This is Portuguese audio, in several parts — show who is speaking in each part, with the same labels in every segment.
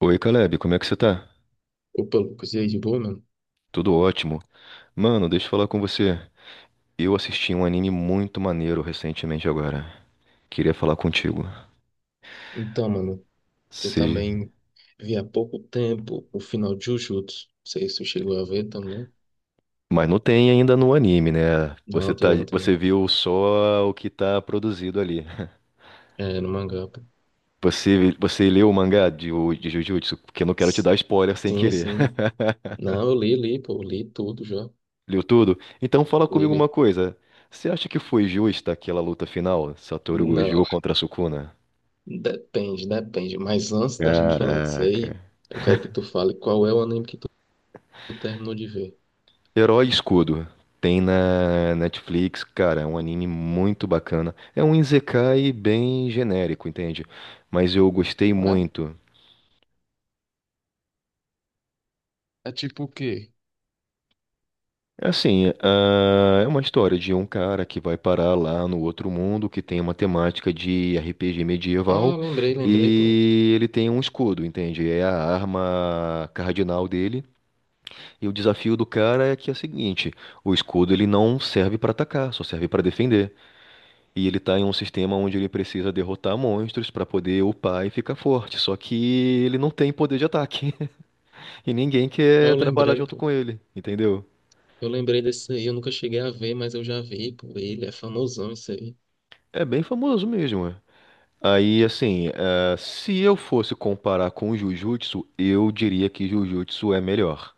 Speaker 1: Oi, Caleb, como é que você tá?
Speaker 2: Opa, Lucas, e aí, de boa, mano?
Speaker 1: Tudo ótimo. Mano, deixa eu falar com você. Eu assisti um anime muito maneiro recentemente agora. Queria falar contigo.
Speaker 2: Então, mano, eu
Speaker 1: Se...
Speaker 2: também vi há pouco tempo o final de Jujutsu. Não sei se tu chegou a ver também.
Speaker 1: Mas não tem ainda no anime, né?
Speaker 2: Não, tem não, tem não.
Speaker 1: Você viu só o que tá produzido ali.
Speaker 2: É, no mangá, pô.
Speaker 1: Você leu o mangá de Jujutsu? Porque eu não quero te dar spoiler sem
Speaker 2: Sim,
Speaker 1: querer.
Speaker 2: sim. Não, eu li, li tudo já.
Speaker 1: Leu tudo? Então fala
Speaker 2: Li,
Speaker 1: comigo
Speaker 2: li.
Speaker 1: uma coisa. Você acha que foi justa aquela luta final? Satoru
Speaker 2: Não,
Speaker 1: Gojo contra Sukuna?
Speaker 2: depende. Mas antes da gente falar disso
Speaker 1: Caraca.
Speaker 2: aí, eu quero que tu fale qual é o anime que tu terminou de ver.
Speaker 1: Herói Escudo. Tem na Netflix, cara, é um anime muito bacana. É um isekai bem genérico, entende? Mas eu gostei
Speaker 2: É?
Speaker 1: muito.
Speaker 2: É tipo o quê?
Speaker 1: Assim, é uma história de um cara que vai parar lá no outro mundo, que tem uma temática de RPG
Speaker 2: Ah,
Speaker 1: medieval,
Speaker 2: lembrei, pô.
Speaker 1: e ele tem um escudo, entende? É a arma cardinal dele. E o desafio do cara é que é o seguinte: o escudo ele não serve para atacar, só serve para defender. E ele tá em um sistema onde ele precisa derrotar monstros pra poder upar e ficar forte. Só que ele não tem poder de ataque. E ninguém
Speaker 2: Eu
Speaker 1: quer trabalhar
Speaker 2: lembrei,
Speaker 1: junto
Speaker 2: pô.
Speaker 1: com ele, entendeu?
Speaker 2: Eu lembrei desse aí, eu nunca cheguei a ver, mas eu já vi por ele, é famosão isso aí.
Speaker 1: É bem famoso mesmo, é. Aí, assim, se eu fosse comparar com o Jujutsu, eu diria que Jujutsu é melhor.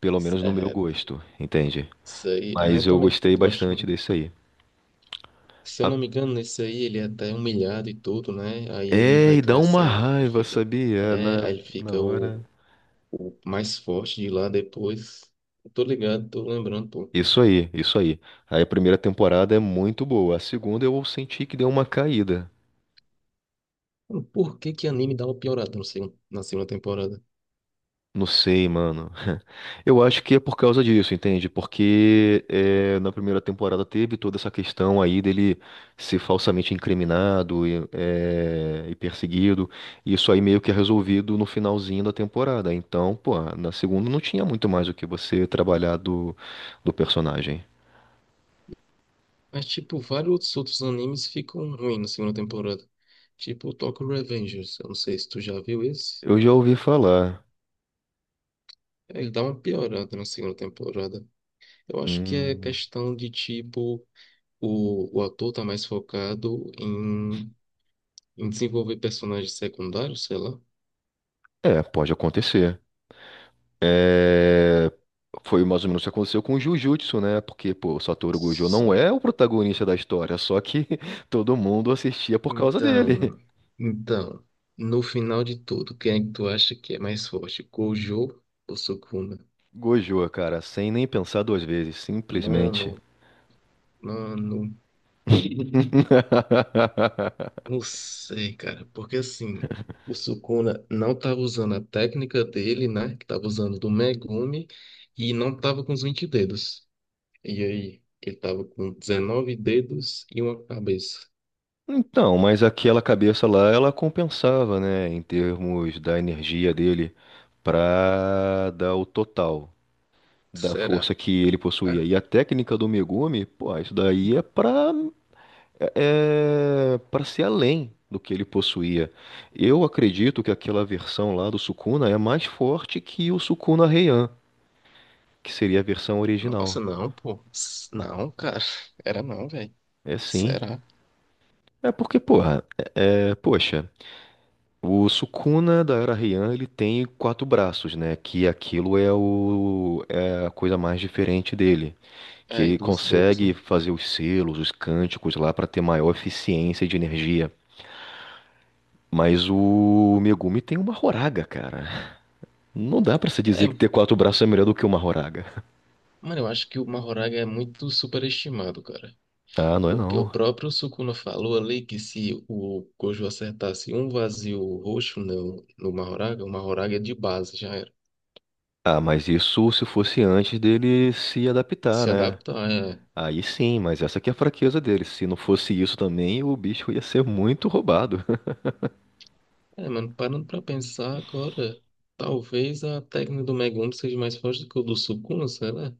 Speaker 1: Pelo menos no meu
Speaker 2: É,
Speaker 1: gosto, entende?
Speaker 2: isso aí, eu
Speaker 1: Mas eu
Speaker 2: também
Speaker 1: gostei
Speaker 2: gosto
Speaker 1: bastante
Speaker 2: muito.
Speaker 1: desse aí.
Speaker 2: Se eu
Speaker 1: A-
Speaker 2: não me engano, nesse aí ele é até humilhado e tudo, né? Aí ele
Speaker 1: É,
Speaker 2: vai
Speaker 1: e dá uma
Speaker 2: crescendo, ele
Speaker 1: raiva,
Speaker 2: fica,
Speaker 1: sabia?
Speaker 2: é, aí ele
Speaker 1: Na
Speaker 2: fica
Speaker 1: hora.
Speaker 2: o mais forte de lá depois. Eu tô ligado, tô lembrando, pô.
Speaker 1: Isso aí, isso aí. Aí a primeira temporada é muito boa. A segunda eu senti que deu uma caída.
Speaker 2: Mano, por que que anime dá uma piorada no segundo, na segunda temporada?
Speaker 1: Não sei, mano. Eu acho que é por causa disso, entende? Porque na primeira temporada teve toda essa questão aí dele ser falsamente incriminado e e perseguido. E isso aí meio que é resolvido no finalzinho da temporada. Então, pô, na segunda não tinha muito mais o que você trabalhar do personagem.
Speaker 2: Mas, tipo, vários outros animes ficam ruins na segunda temporada. Tipo, o Tokyo Revengers, eu não sei se tu já viu esse.
Speaker 1: Eu já ouvi falar.
Speaker 2: Ele dá uma piorada na segunda temporada. Eu acho que é
Speaker 1: Hum,
Speaker 2: questão de tipo, o ator tá mais focado em desenvolver personagens secundários, sei lá.
Speaker 1: é, pode acontecer. É, foi mais ou menos o que aconteceu com o Jujutsu, né? Porque, pô, o Satoru Gojo não é
Speaker 2: Sim.
Speaker 1: o protagonista da história, só que todo mundo assistia por causa
Speaker 2: Então,
Speaker 1: dele.
Speaker 2: mano. Então, no final de tudo, quem é que tu acha que é mais forte? Gojo ou Sukuna?
Speaker 1: Gojo, cara, sem nem pensar duas vezes, simplesmente.
Speaker 2: Mano, mano, não sei, cara. Porque assim, o Sukuna não tava usando a técnica dele, né? Que tava usando do Megumi e não tava com os 20 dedos. E aí, ele tava com 19 dedos e uma cabeça.
Speaker 1: Então, mas aquela cabeça lá, ela compensava, né, em termos da energia dele pra dar o total da
Speaker 2: Será?
Speaker 1: força que ele possuía. E a técnica do Megumi, pô, isso daí é pra para ser além do que ele possuía. Eu acredito que aquela versão lá do Sukuna é mais forte que o Sukuna Heian, que seria a versão original.
Speaker 2: Nossa, não, pô. Não, cara. Era não, velho.
Speaker 1: É sim.
Speaker 2: Será?
Speaker 1: É porque, porra, poxa, o Sukuna da Era Heian, ele tem quatro braços, né? Que aquilo é a coisa mais diferente dele. Que
Speaker 2: É, e
Speaker 1: ele
Speaker 2: duas bocas,
Speaker 1: consegue
Speaker 2: né?
Speaker 1: fazer os selos, os cânticos lá para ter maior eficiência de energia. Mas o Megumi tem uma horaga, cara. Não dá pra se
Speaker 2: É,
Speaker 1: dizer que ter quatro braços é melhor do que uma Horaga.
Speaker 2: mano, eu acho que o Mahoraga é muito superestimado, cara.
Speaker 1: Ah, não é
Speaker 2: Porque o
Speaker 1: não.
Speaker 2: próprio Sukuna falou ali que se o Gojo acertasse um vazio roxo no Mahoraga, o Mahoraga de base já era.
Speaker 1: Ah, mas isso se fosse antes dele se adaptar,
Speaker 2: Se
Speaker 1: né?
Speaker 2: adapta.
Speaker 1: Aí sim, mas essa que é a fraqueza dele. Se não fosse isso também, o bicho ia ser muito roubado.
Speaker 2: É, mano, parando pra pensar agora, talvez a técnica do Megumi seja mais forte do que o do Sukuna, será?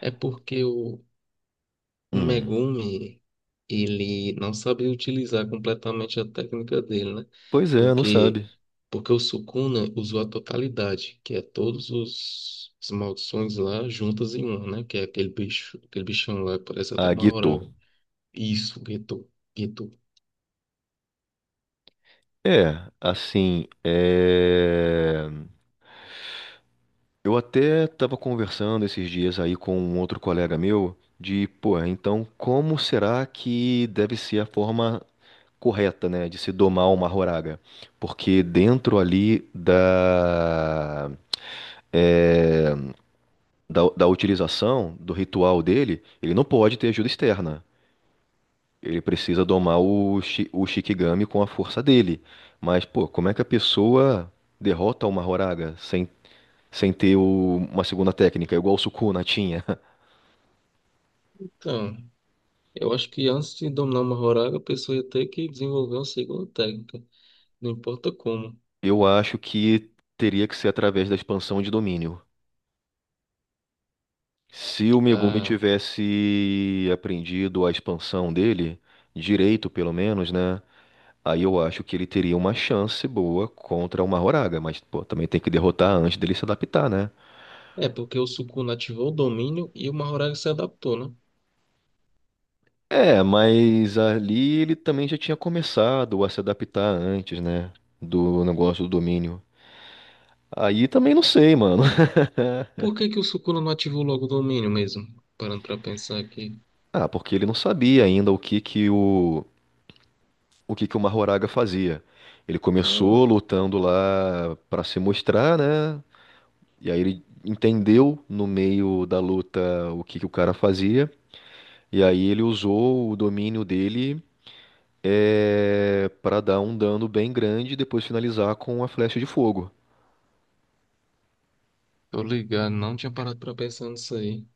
Speaker 2: É porque o
Speaker 1: Hum,
Speaker 2: Megumi, ele não sabe utilizar completamente a técnica dele, né?
Speaker 1: pois é, não
Speaker 2: Porque,
Speaker 1: sabe.
Speaker 2: porque o Sukuna usou a totalidade, que é todos as maldições lá juntas em uma, né? Que é aquele bicho, aquele bichão lá que parece até
Speaker 1: A
Speaker 2: uma
Speaker 1: Gito.
Speaker 2: horário. Isso, Geto, Geto.
Speaker 1: É, assim, é... Eu até tava conversando esses dias aí com um outro colega meu de, pô, então como será que deve ser a forma correta, né, de se domar uma horária, porque dentro ali é, da utilização do ritual dele, ele não pode ter ajuda externa. Ele precisa domar o Shikigami com a força dele. Mas, pô, como é que a pessoa derrota uma Horaga sem ter uma segunda técnica, igual o Sukuna tinha?
Speaker 2: Então, eu acho que antes de dominar uma horário, a pessoa ia ter que desenvolver uma segunda técnica, não importa como.
Speaker 1: Eu acho que teria que ser através da expansão de domínio. Se o Megumi
Speaker 2: Ah,
Speaker 1: tivesse aprendido a expansão dele, direito pelo menos, né? Aí eu acho que ele teria uma chance boa contra o Mahoraga, mas pô, também tem que derrotar antes dele se adaptar, né?
Speaker 2: é porque o Sukuna ativou o domínio e o Mahoraga se adaptou, né?
Speaker 1: É, mas ali ele também já tinha começado a se adaptar antes, né? Do negócio do domínio. Aí também não sei, mano.
Speaker 2: Por que que o Sukuna não ativou logo o domínio mesmo? Parando pra pensar aqui.
Speaker 1: Ah, porque ele não sabia ainda o que que o Mahoraga fazia. Ele
Speaker 2: Ah,
Speaker 1: começou lutando lá pra se mostrar, né? E aí ele entendeu no meio da luta o que que o cara fazia, e aí ele usou o domínio dele para dar um dano bem grande e depois finalizar com a flecha de fogo.
Speaker 2: tô ligado, não tinha parado pra pensar nisso aí.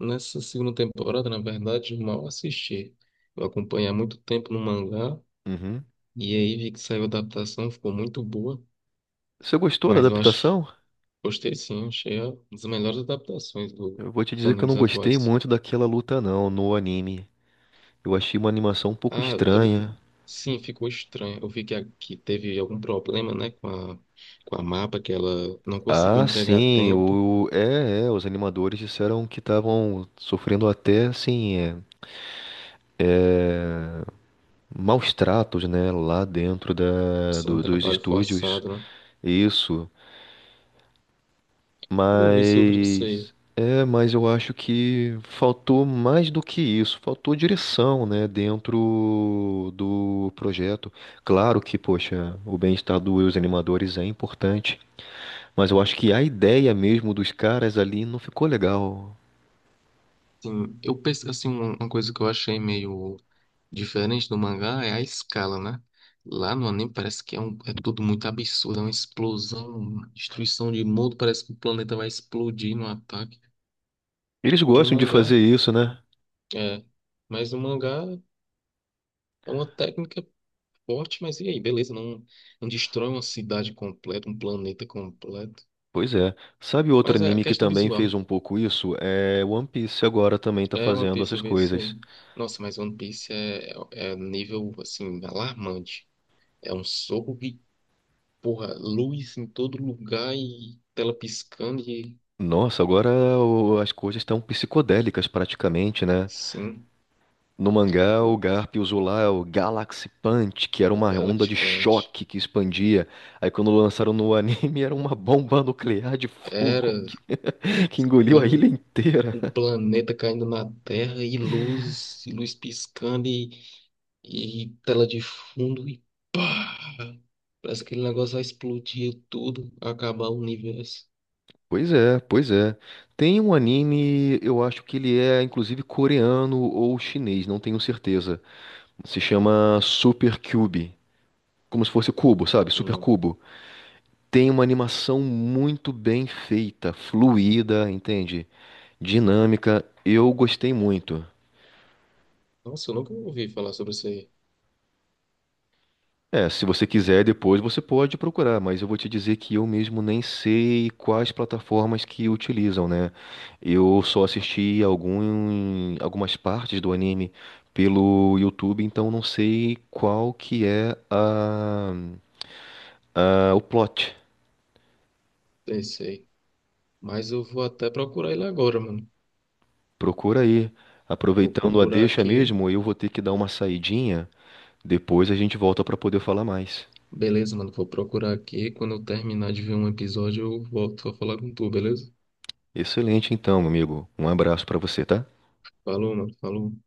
Speaker 2: Nessa segunda temporada, na verdade, eu mal assisti. Eu acompanhei há muito tempo no mangá,
Speaker 1: Uhum.
Speaker 2: e aí vi que saiu a adaptação, ficou muito boa.
Speaker 1: Você gostou da
Speaker 2: Mas eu acho.
Speaker 1: adaptação?
Speaker 2: Gostei sim, achei uma das melhores adaptações
Speaker 1: Eu vou te
Speaker 2: dos
Speaker 1: dizer que eu não
Speaker 2: animes
Speaker 1: gostei
Speaker 2: atuais.
Speaker 1: muito daquela luta não, no anime. Eu achei uma animação um pouco
Speaker 2: Ah, eu tô ligado.
Speaker 1: estranha.
Speaker 2: Sim, ficou estranho. Eu vi que, que teve algum problema, né, com a mapa, que ela não conseguiu entregar a tempo,
Speaker 1: Os animadores disseram que estavam sofrendo até, assim, maus tratos, né, lá dentro
Speaker 2: sem
Speaker 1: dos
Speaker 2: trabalho
Speaker 1: estúdios,
Speaker 2: forçado, né?
Speaker 1: isso.
Speaker 2: Eu vi sobre isso aí.
Speaker 1: Mas eu acho que faltou mais do que isso, faltou direção, né, dentro do projeto. Claro que, poxa, o bem-estar dos animadores é importante, mas eu acho que a ideia mesmo dos caras ali não ficou legal.
Speaker 2: Sim, eu penso, assim, uma coisa que eu achei meio diferente do mangá é a escala, né? Lá no anime parece que é tudo muito absurdo, é uma explosão, uma destruição de mundo, parece que o planeta vai explodir no ataque.
Speaker 1: Eles
Speaker 2: E no
Speaker 1: gostam de fazer
Speaker 2: mangá,
Speaker 1: isso, né?
Speaker 2: é, mas o mangá é uma técnica forte, mas e aí? Beleza, não, não destrói uma cidade completa, um planeta completo.
Speaker 1: Pois é. Sabe outro
Speaker 2: Mas é
Speaker 1: anime que
Speaker 2: questão
Speaker 1: também
Speaker 2: visual,
Speaker 1: fez
Speaker 2: né?
Speaker 1: um pouco isso? É One Piece agora também tá
Speaker 2: É, One
Speaker 1: fazendo
Speaker 2: Piece,
Speaker 1: essas
Speaker 2: eu vejo isso aí.
Speaker 1: coisas.
Speaker 2: Nossa, mas One Piece é nível, assim, alarmante. É um soco de, porra, luz em todo lugar e tela piscando e,
Speaker 1: Nossa, agora as coisas estão psicodélicas praticamente, né?
Speaker 2: sim,
Speaker 1: No mangá, o
Speaker 2: o,
Speaker 1: Garp usou lá o Galaxy Punch, que era
Speaker 2: o
Speaker 1: uma onda
Speaker 2: Galaxy
Speaker 1: de
Speaker 2: Punch.
Speaker 1: choque que expandia. Aí quando lançaram no anime, era uma bomba nuclear de
Speaker 2: Era,
Speaker 1: fogo que engoliu
Speaker 2: em
Speaker 1: a ilha inteira.
Speaker 2: um, um planeta caindo na Terra e luz piscando e tela de fundo e pá! Parece que aquele negócio vai explodir tudo, acabar o universo.
Speaker 1: Pois é, pois é. Tem um anime, eu acho que ele é inclusive coreano ou chinês, não tenho certeza. Se chama Super Cube. Como se fosse cubo, sabe? Super
Speaker 2: Não.
Speaker 1: cubo. Tem uma animação muito bem feita, fluida, entende? Dinâmica. Eu gostei muito.
Speaker 2: Nossa, eu nunca ouvi falar sobre isso aí.
Speaker 1: É, se você quiser depois você pode procurar, mas eu vou te dizer que eu mesmo nem sei quais plataformas que utilizam, né? Eu só assisti algumas partes do anime pelo YouTube, então não sei qual que é o plot.
Speaker 2: Esse aí. Mas eu vou até procurar ele agora, mano.
Speaker 1: Procura aí.
Speaker 2: Vou
Speaker 1: Aproveitando a
Speaker 2: procurar
Speaker 1: deixa
Speaker 2: aqui.
Speaker 1: mesmo, eu vou ter que dar uma saidinha. Depois a gente volta para poder falar mais.
Speaker 2: Beleza, mano. Vou procurar aqui. Quando eu terminar de ver um episódio, eu volto pra falar com tu, beleza?
Speaker 1: Excelente, então, amigo. Um abraço para você, tá?
Speaker 2: Falou, mano. Falou.